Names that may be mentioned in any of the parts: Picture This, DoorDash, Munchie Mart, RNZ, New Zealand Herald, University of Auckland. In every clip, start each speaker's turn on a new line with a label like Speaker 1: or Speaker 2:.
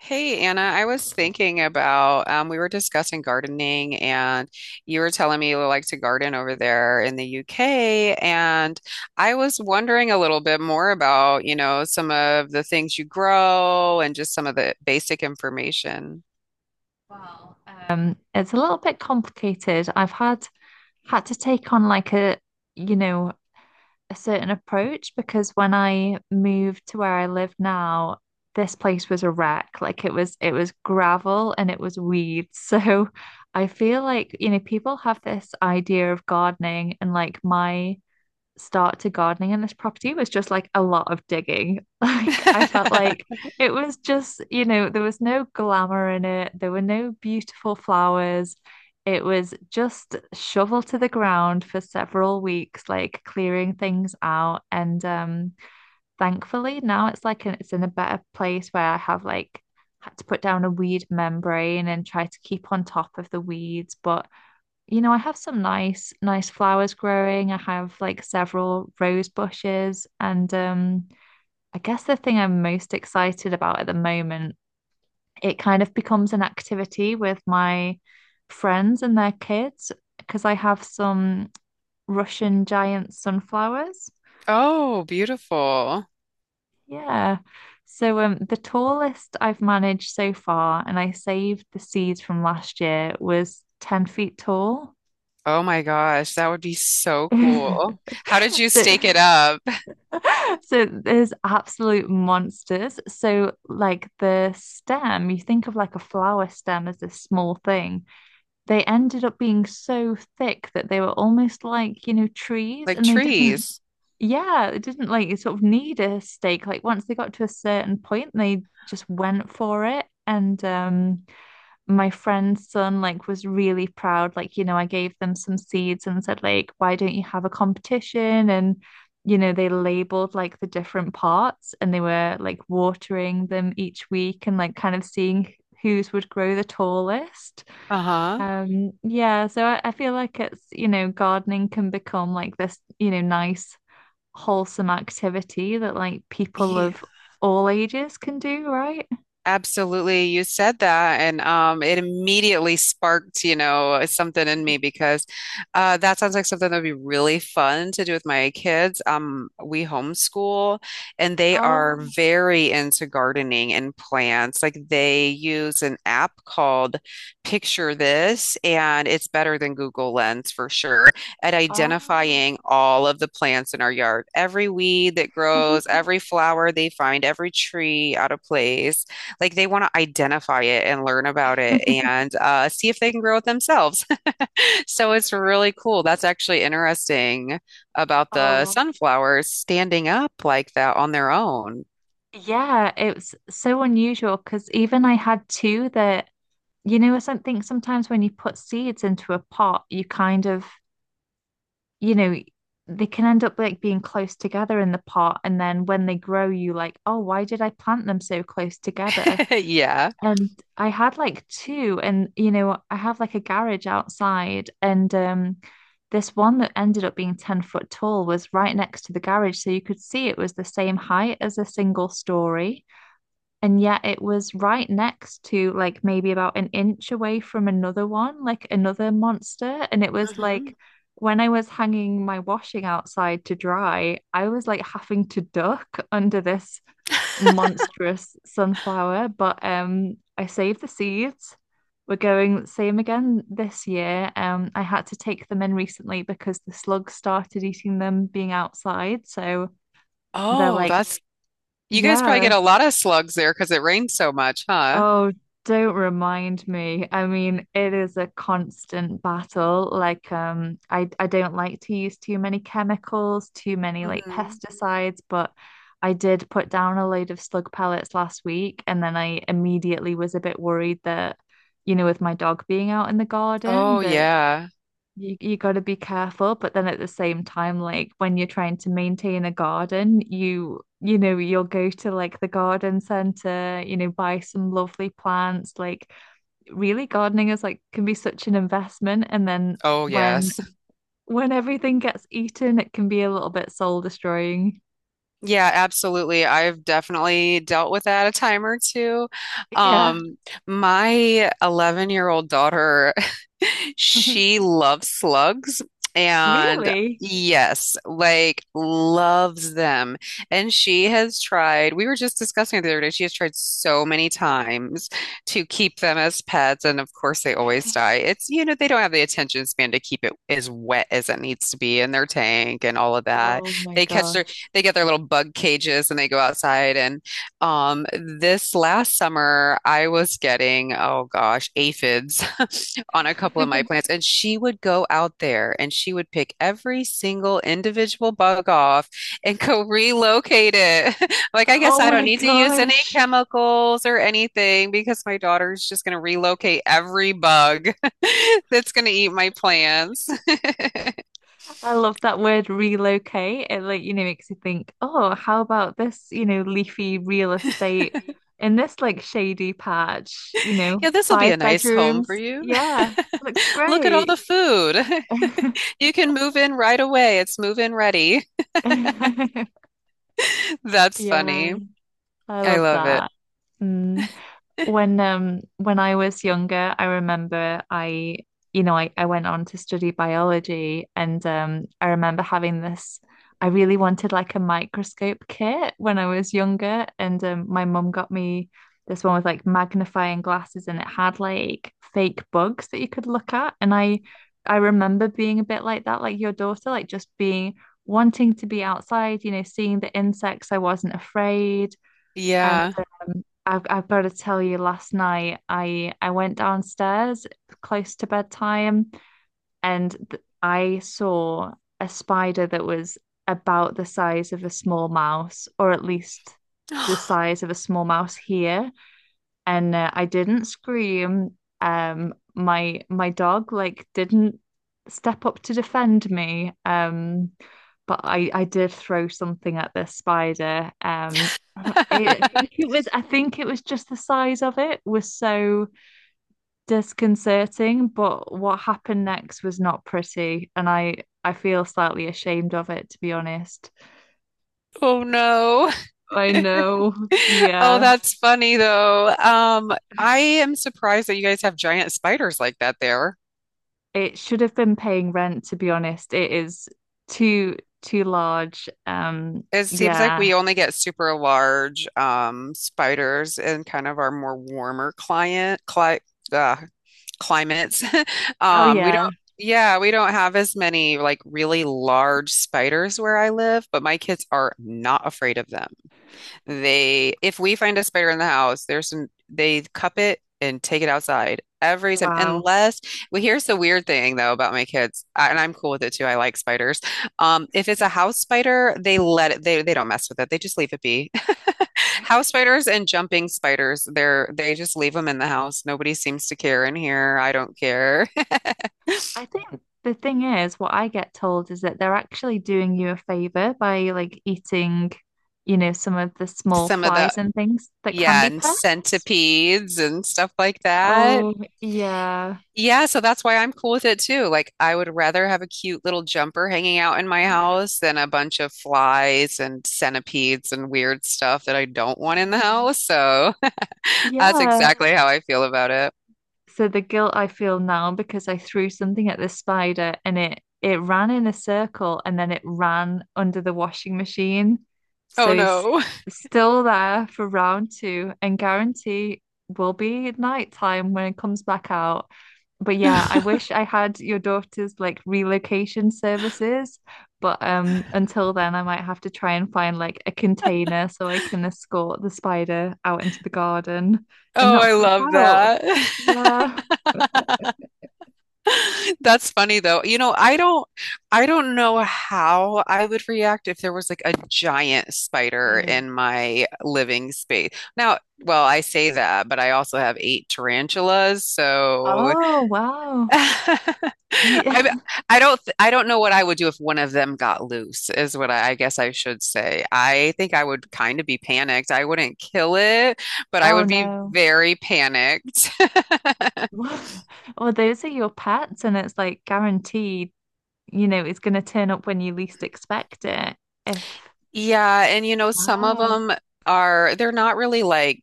Speaker 1: Hey Anna, I was thinking about we were discussing gardening, and you were telling me you like to garden over there in the UK, and I was wondering a little bit more about, you know, some of the things you grow and just some of the basic information.
Speaker 2: Well, it's a little bit complicated. I've had to take on like you know, a certain approach because when I moved to where I live now, this place was a wreck. Like it was gravel and it was weeds. So I feel like, you know, people have this idea of gardening and like my start to gardening in this property was just like a lot of digging. Like I felt like it was just, you know, there was no glamour in it. There were no beautiful flowers. It was just shovel to the ground for several weeks, like clearing things out. And Thankfully now it's like it's in a better place where I have like had to put down a weed membrane and try to keep on top of the weeds. But you know, I have some nice, nice flowers growing. I have like several rose bushes. And I guess the thing I'm most excited about at the moment, it kind of becomes an activity with my friends and their kids because I have some Russian giant sunflowers.
Speaker 1: Oh, beautiful.
Speaker 2: Yeah. So the tallest I've managed so far, and I saved the seeds from last year, was 10 feet tall.
Speaker 1: Oh my gosh, that would be so cool. How did you
Speaker 2: So
Speaker 1: stake it up?
Speaker 2: so there's absolute monsters. So like the stem, you think of like a flower stem as this small thing. They ended up being so thick that they were almost like, you know, trees
Speaker 1: Like
Speaker 2: and they didn't,
Speaker 1: trees.
Speaker 2: yeah, they didn't like sort of need a stake. Like once they got to a certain point, they just went for it. And my friend's son like was really proud, like you know, I gave them some seeds and said like, why don't you have a competition? And you know, they labeled like the different parts and they were like watering them each week and like kind of seeing whose would grow the tallest.
Speaker 1: Uh-huh.
Speaker 2: Yeah, so I feel like it's, you know, gardening can become like this, you know, nice wholesome activity that like people of all ages can do, right?
Speaker 1: Absolutely. You said that and it immediately sparked, you know, something in me because that sounds like something that would be really fun to do with my kids. Um, we homeschool and they are
Speaker 2: Oh,
Speaker 1: very into gardening and plants. Like, they use an app called Picture This, and it's better than Google Lens for sure at identifying all of the plants in our yard. Every weed that
Speaker 2: oh.
Speaker 1: grows, every flower they find, every tree out of place. Like, they want to identify it and learn about it, and see if they can grow it themselves. So it's really cool. That's actually interesting about the
Speaker 2: Oh,
Speaker 1: sunflowers standing up like that on their own.
Speaker 2: yeah, it was so unusual because even I had two that, you know, something sometimes when you put seeds into a pot, you kind of, you know, they can end up like being close together in the pot. And then when they grow, you like, oh, why did I plant them so close together?
Speaker 1: Yeah.
Speaker 2: And I had like two, and, you know, I have like a garage outside, and this one that ended up being 10-foot tall was right next to the garage. So you could see it was the same height as a single story. And yet it was right next to, like, maybe about an inch away from another one, like another monster. And it was like
Speaker 1: Hmm.
Speaker 2: when I was hanging my washing outside to dry, I was like having to duck under this monstrous sunflower. But I saved the seeds. We're going same again this year. I had to take them in recently because the slugs started eating them being outside. So they're
Speaker 1: Oh,
Speaker 2: like,
Speaker 1: that's you guys probably
Speaker 2: yeah.
Speaker 1: get a lot of slugs there because it rains so much, huh?
Speaker 2: Oh, don't remind me. I mean, it is a constant battle. Like, I don't like to use too many chemicals, too many like
Speaker 1: Hmm.
Speaker 2: pesticides, but I did put down a load of slug pellets last week, and then I immediately was a bit worried that, you know, with my dog being out in the garden,
Speaker 1: Oh,
Speaker 2: that
Speaker 1: yeah.
Speaker 2: you got to be careful. But then at the same time, like when you're trying to maintain a garden, you know you'll go to like the garden center, you know, buy some lovely plants. Like really, gardening is like can be such an investment, and then
Speaker 1: Oh,
Speaker 2: when
Speaker 1: yes.
Speaker 2: when everything gets eaten, it can be a little bit soul destroying.
Speaker 1: Yeah, absolutely. I've definitely dealt with that a time or two.
Speaker 2: Yeah,
Speaker 1: Um, my 11-year-old daughter, she loves slugs, and
Speaker 2: really.
Speaker 1: yes, like, loves them. And she has tried, we were just discussing it the other day, she has tried so many times to keep them as pets. And of course, they always die. It's, you know, they don't have the attention span to keep it as wet as it needs to be in their tank and all of that.
Speaker 2: Oh my
Speaker 1: They catch their
Speaker 2: gosh.
Speaker 1: they get their little bug cages and they go outside. And this last summer, I was getting, oh gosh, aphids on a couple of my plants. And she would go out there and she would pick every single individual bug off and go relocate it. Like, I guess
Speaker 2: Oh
Speaker 1: I don't
Speaker 2: my
Speaker 1: need to use any
Speaker 2: gosh.
Speaker 1: chemicals or anything because my daughter's just going to relocate every bug that's going to eat my plants.
Speaker 2: I love that word relocate. It like, you know, makes you think, oh, how about this, you know, leafy real estate in this like shady patch, you know,
Speaker 1: Yeah, this will be
Speaker 2: five
Speaker 1: a nice home for
Speaker 2: bedrooms.
Speaker 1: you.
Speaker 2: Yeah, looks
Speaker 1: Look at all
Speaker 2: great.
Speaker 1: the food. You can move in right away. It's move in ready. That's
Speaker 2: Yeah,
Speaker 1: funny.
Speaker 2: I
Speaker 1: I
Speaker 2: love
Speaker 1: love it.
Speaker 2: that. Mm. When I was younger, I remember I, you know, I went on to study biology, and I remember having this, I really wanted like a microscope kit when I was younger. And my mum got me this one with like magnifying glasses, and it had like fake bugs that you could look at. And I remember being a bit like that, like your daughter, like just being, wanting to be outside, you know, seeing the insects. I wasn't afraid. And
Speaker 1: Yeah.
Speaker 2: I've got to tell you, last night I went downstairs close to bedtime, and th I saw a spider that was about the size of a small mouse, or at least the size of a small mouse here. And I didn't scream. My dog like didn't step up to defend me. But I did throw something at this spider. I think it was just the size of it was so disconcerting. But what happened next was not pretty, and I feel slightly ashamed of it, to be honest.
Speaker 1: Oh no.
Speaker 2: I know,
Speaker 1: Oh,
Speaker 2: yeah.
Speaker 1: that's funny though. I am surprised that you guys have giant spiders like that there.
Speaker 2: It should have been paying rent, to be honest. It is too large.
Speaker 1: It seems like
Speaker 2: Yeah.
Speaker 1: we only get super large spiders in kind of our more warmer client cli uh, climates.
Speaker 2: Oh
Speaker 1: We
Speaker 2: yeah.
Speaker 1: don't, yeah, we don't have as many like really large spiders where I live, but my kids are not afraid of them. They, if we find a spider in the house, there's some, they cup it and take it outside every time.
Speaker 2: Wow.
Speaker 1: Unless, Well, here's the weird thing though about my kids, and I'm cool with it too. I like spiders. If it's a house spider, they let it, they don't mess with it. They just leave it be. House spiders and jumping spiders, they just leave them in the house. Nobody seems to care in here. I don't care.
Speaker 2: I think the thing is, what I get told is that they're actually doing you a favor by like eating, you know, some of the small
Speaker 1: Some of the,
Speaker 2: flies and things that can
Speaker 1: yeah,
Speaker 2: be
Speaker 1: and
Speaker 2: pests.
Speaker 1: centipedes and stuff like that.
Speaker 2: Oh, yeah.
Speaker 1: Yeah, so that's why I'm cool with it too. Like, I would rather have a cute little jumper hanging out in my house than a bunch of flies and centipedes and weird stuff that I don't want in the
Speaker 2: Mm.
Speaker 1: house. So that's
Speaker 2: Yeah.
Speaker 1: exactly how I feel about it.
Speaker 2: So the guilt I feel now, because I threw something at the spider and it ran in a circle and then it ran under the washing machine. So
Speaker 1: Oh
Speaker 2: it's
Speaker 1: no.
Speaker 2: still there for round two, and guarantee will be at night time when it comes back out. But yeah, I wish I had your daughter's like relocation services. But until then I might have to try and find like a container so I can escort the spider out into the garden and
Speaker 1: Oh,
Speaker 2: not
Speaker 1: I
Speaker 2: freak
Speaker 1: love
Speaker 2: out.
Speaker 1: that.
Speaker 2: Yeah.
Speaker 1: That's funny though. You know, I don't know how I would react if there was like a giant spider
Speaker 2: Mm.
Speaker 1: in my living space. Now, well, I say that, but I also have eight tarantulas. So
Speaker 2: Oh, wow. Yeah.
Speaker 1: I I don't know what I would do if one of them got loose, is what I guess I should say. I think I would kind of be panicked. I wouldn't kill it, but I
Speaker 2: Oh,
Speaker 1: would be
Speaker 2: no.
Speaker 1: very panicked.
Speaker 2: Well, those are your pets, and it's like guaranteed, you know, it's going to turn up when you least expect it. If,
Speaker 1: Yeah, and you know, some of
Speaker 2: wow.
Speaker 1: them are they're not really like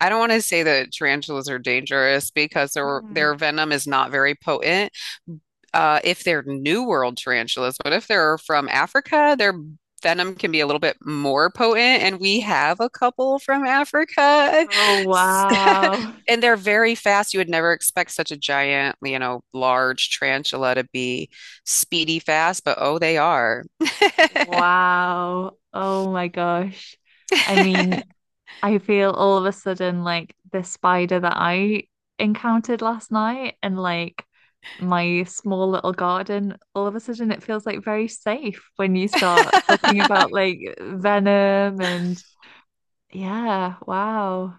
Speaker 1: I don't want to say that tarantulas are dangerous because
Speaker 2: Mm.
Speaker 1: their venom is not very potent. If they're New World tarantulas, but if they're from Africa, their venom can be a little bit more potent, and we have a couple from Africa.
Speaker 2: Oh, wow.
Speaker 1: And they're very fast. You would never expect such a giant, you know, large tarantula to be speedy fast, but oh, they are.
Speaker 2: Wow. Oh, my gosh. I mean, I feel all of a sudden like the spider that I encountered last night and like my small little garden, all of a sudden it feels like very safe when you start talking about like venom and yeah, wow.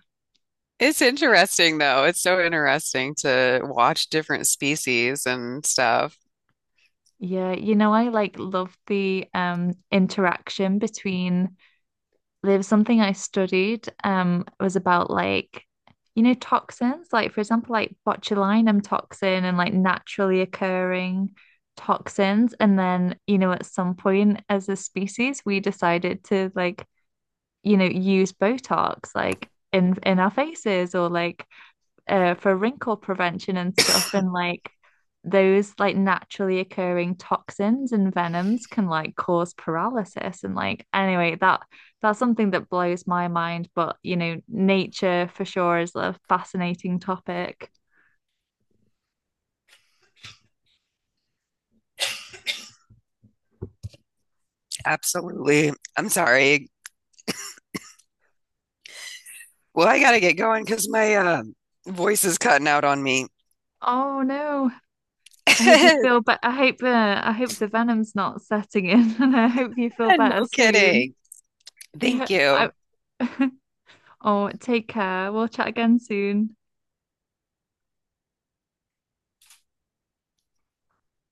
Speaker 1: It's interesting though. It's so interesting to watch different species and stuff.
Speaker 2: Yeah, you know, I like love the interaction between, there was something I studied, it was about like, you know, toxins, like for example like botulinum toxin and like naturally occurring toxins. And then you know at some point as a species we decided to like, you know, use Botox like in our faces, or like for wrinkle prevention and stuff. And like those like naturally occurring toxins and venoms can like cause paralysis. And like anyway, that's something that blows my mind. But you know, nature for sure is a fascinating topic.
Speaker 1: Absolutely. I'm sorry. Well, I gotta get going because my voice is cutting out on me.
Speaker 2: Oh no. I hope you feel better. I hope the venom's not setting in and I hope you feel better
Speaker 1: No
Speaker 2: soon.
Speaker 1: kidding.
Speaker 2: Yeah.
Speaker 1: Thank you.
Speaker 2: I- oh, take care. We'll chat again soon.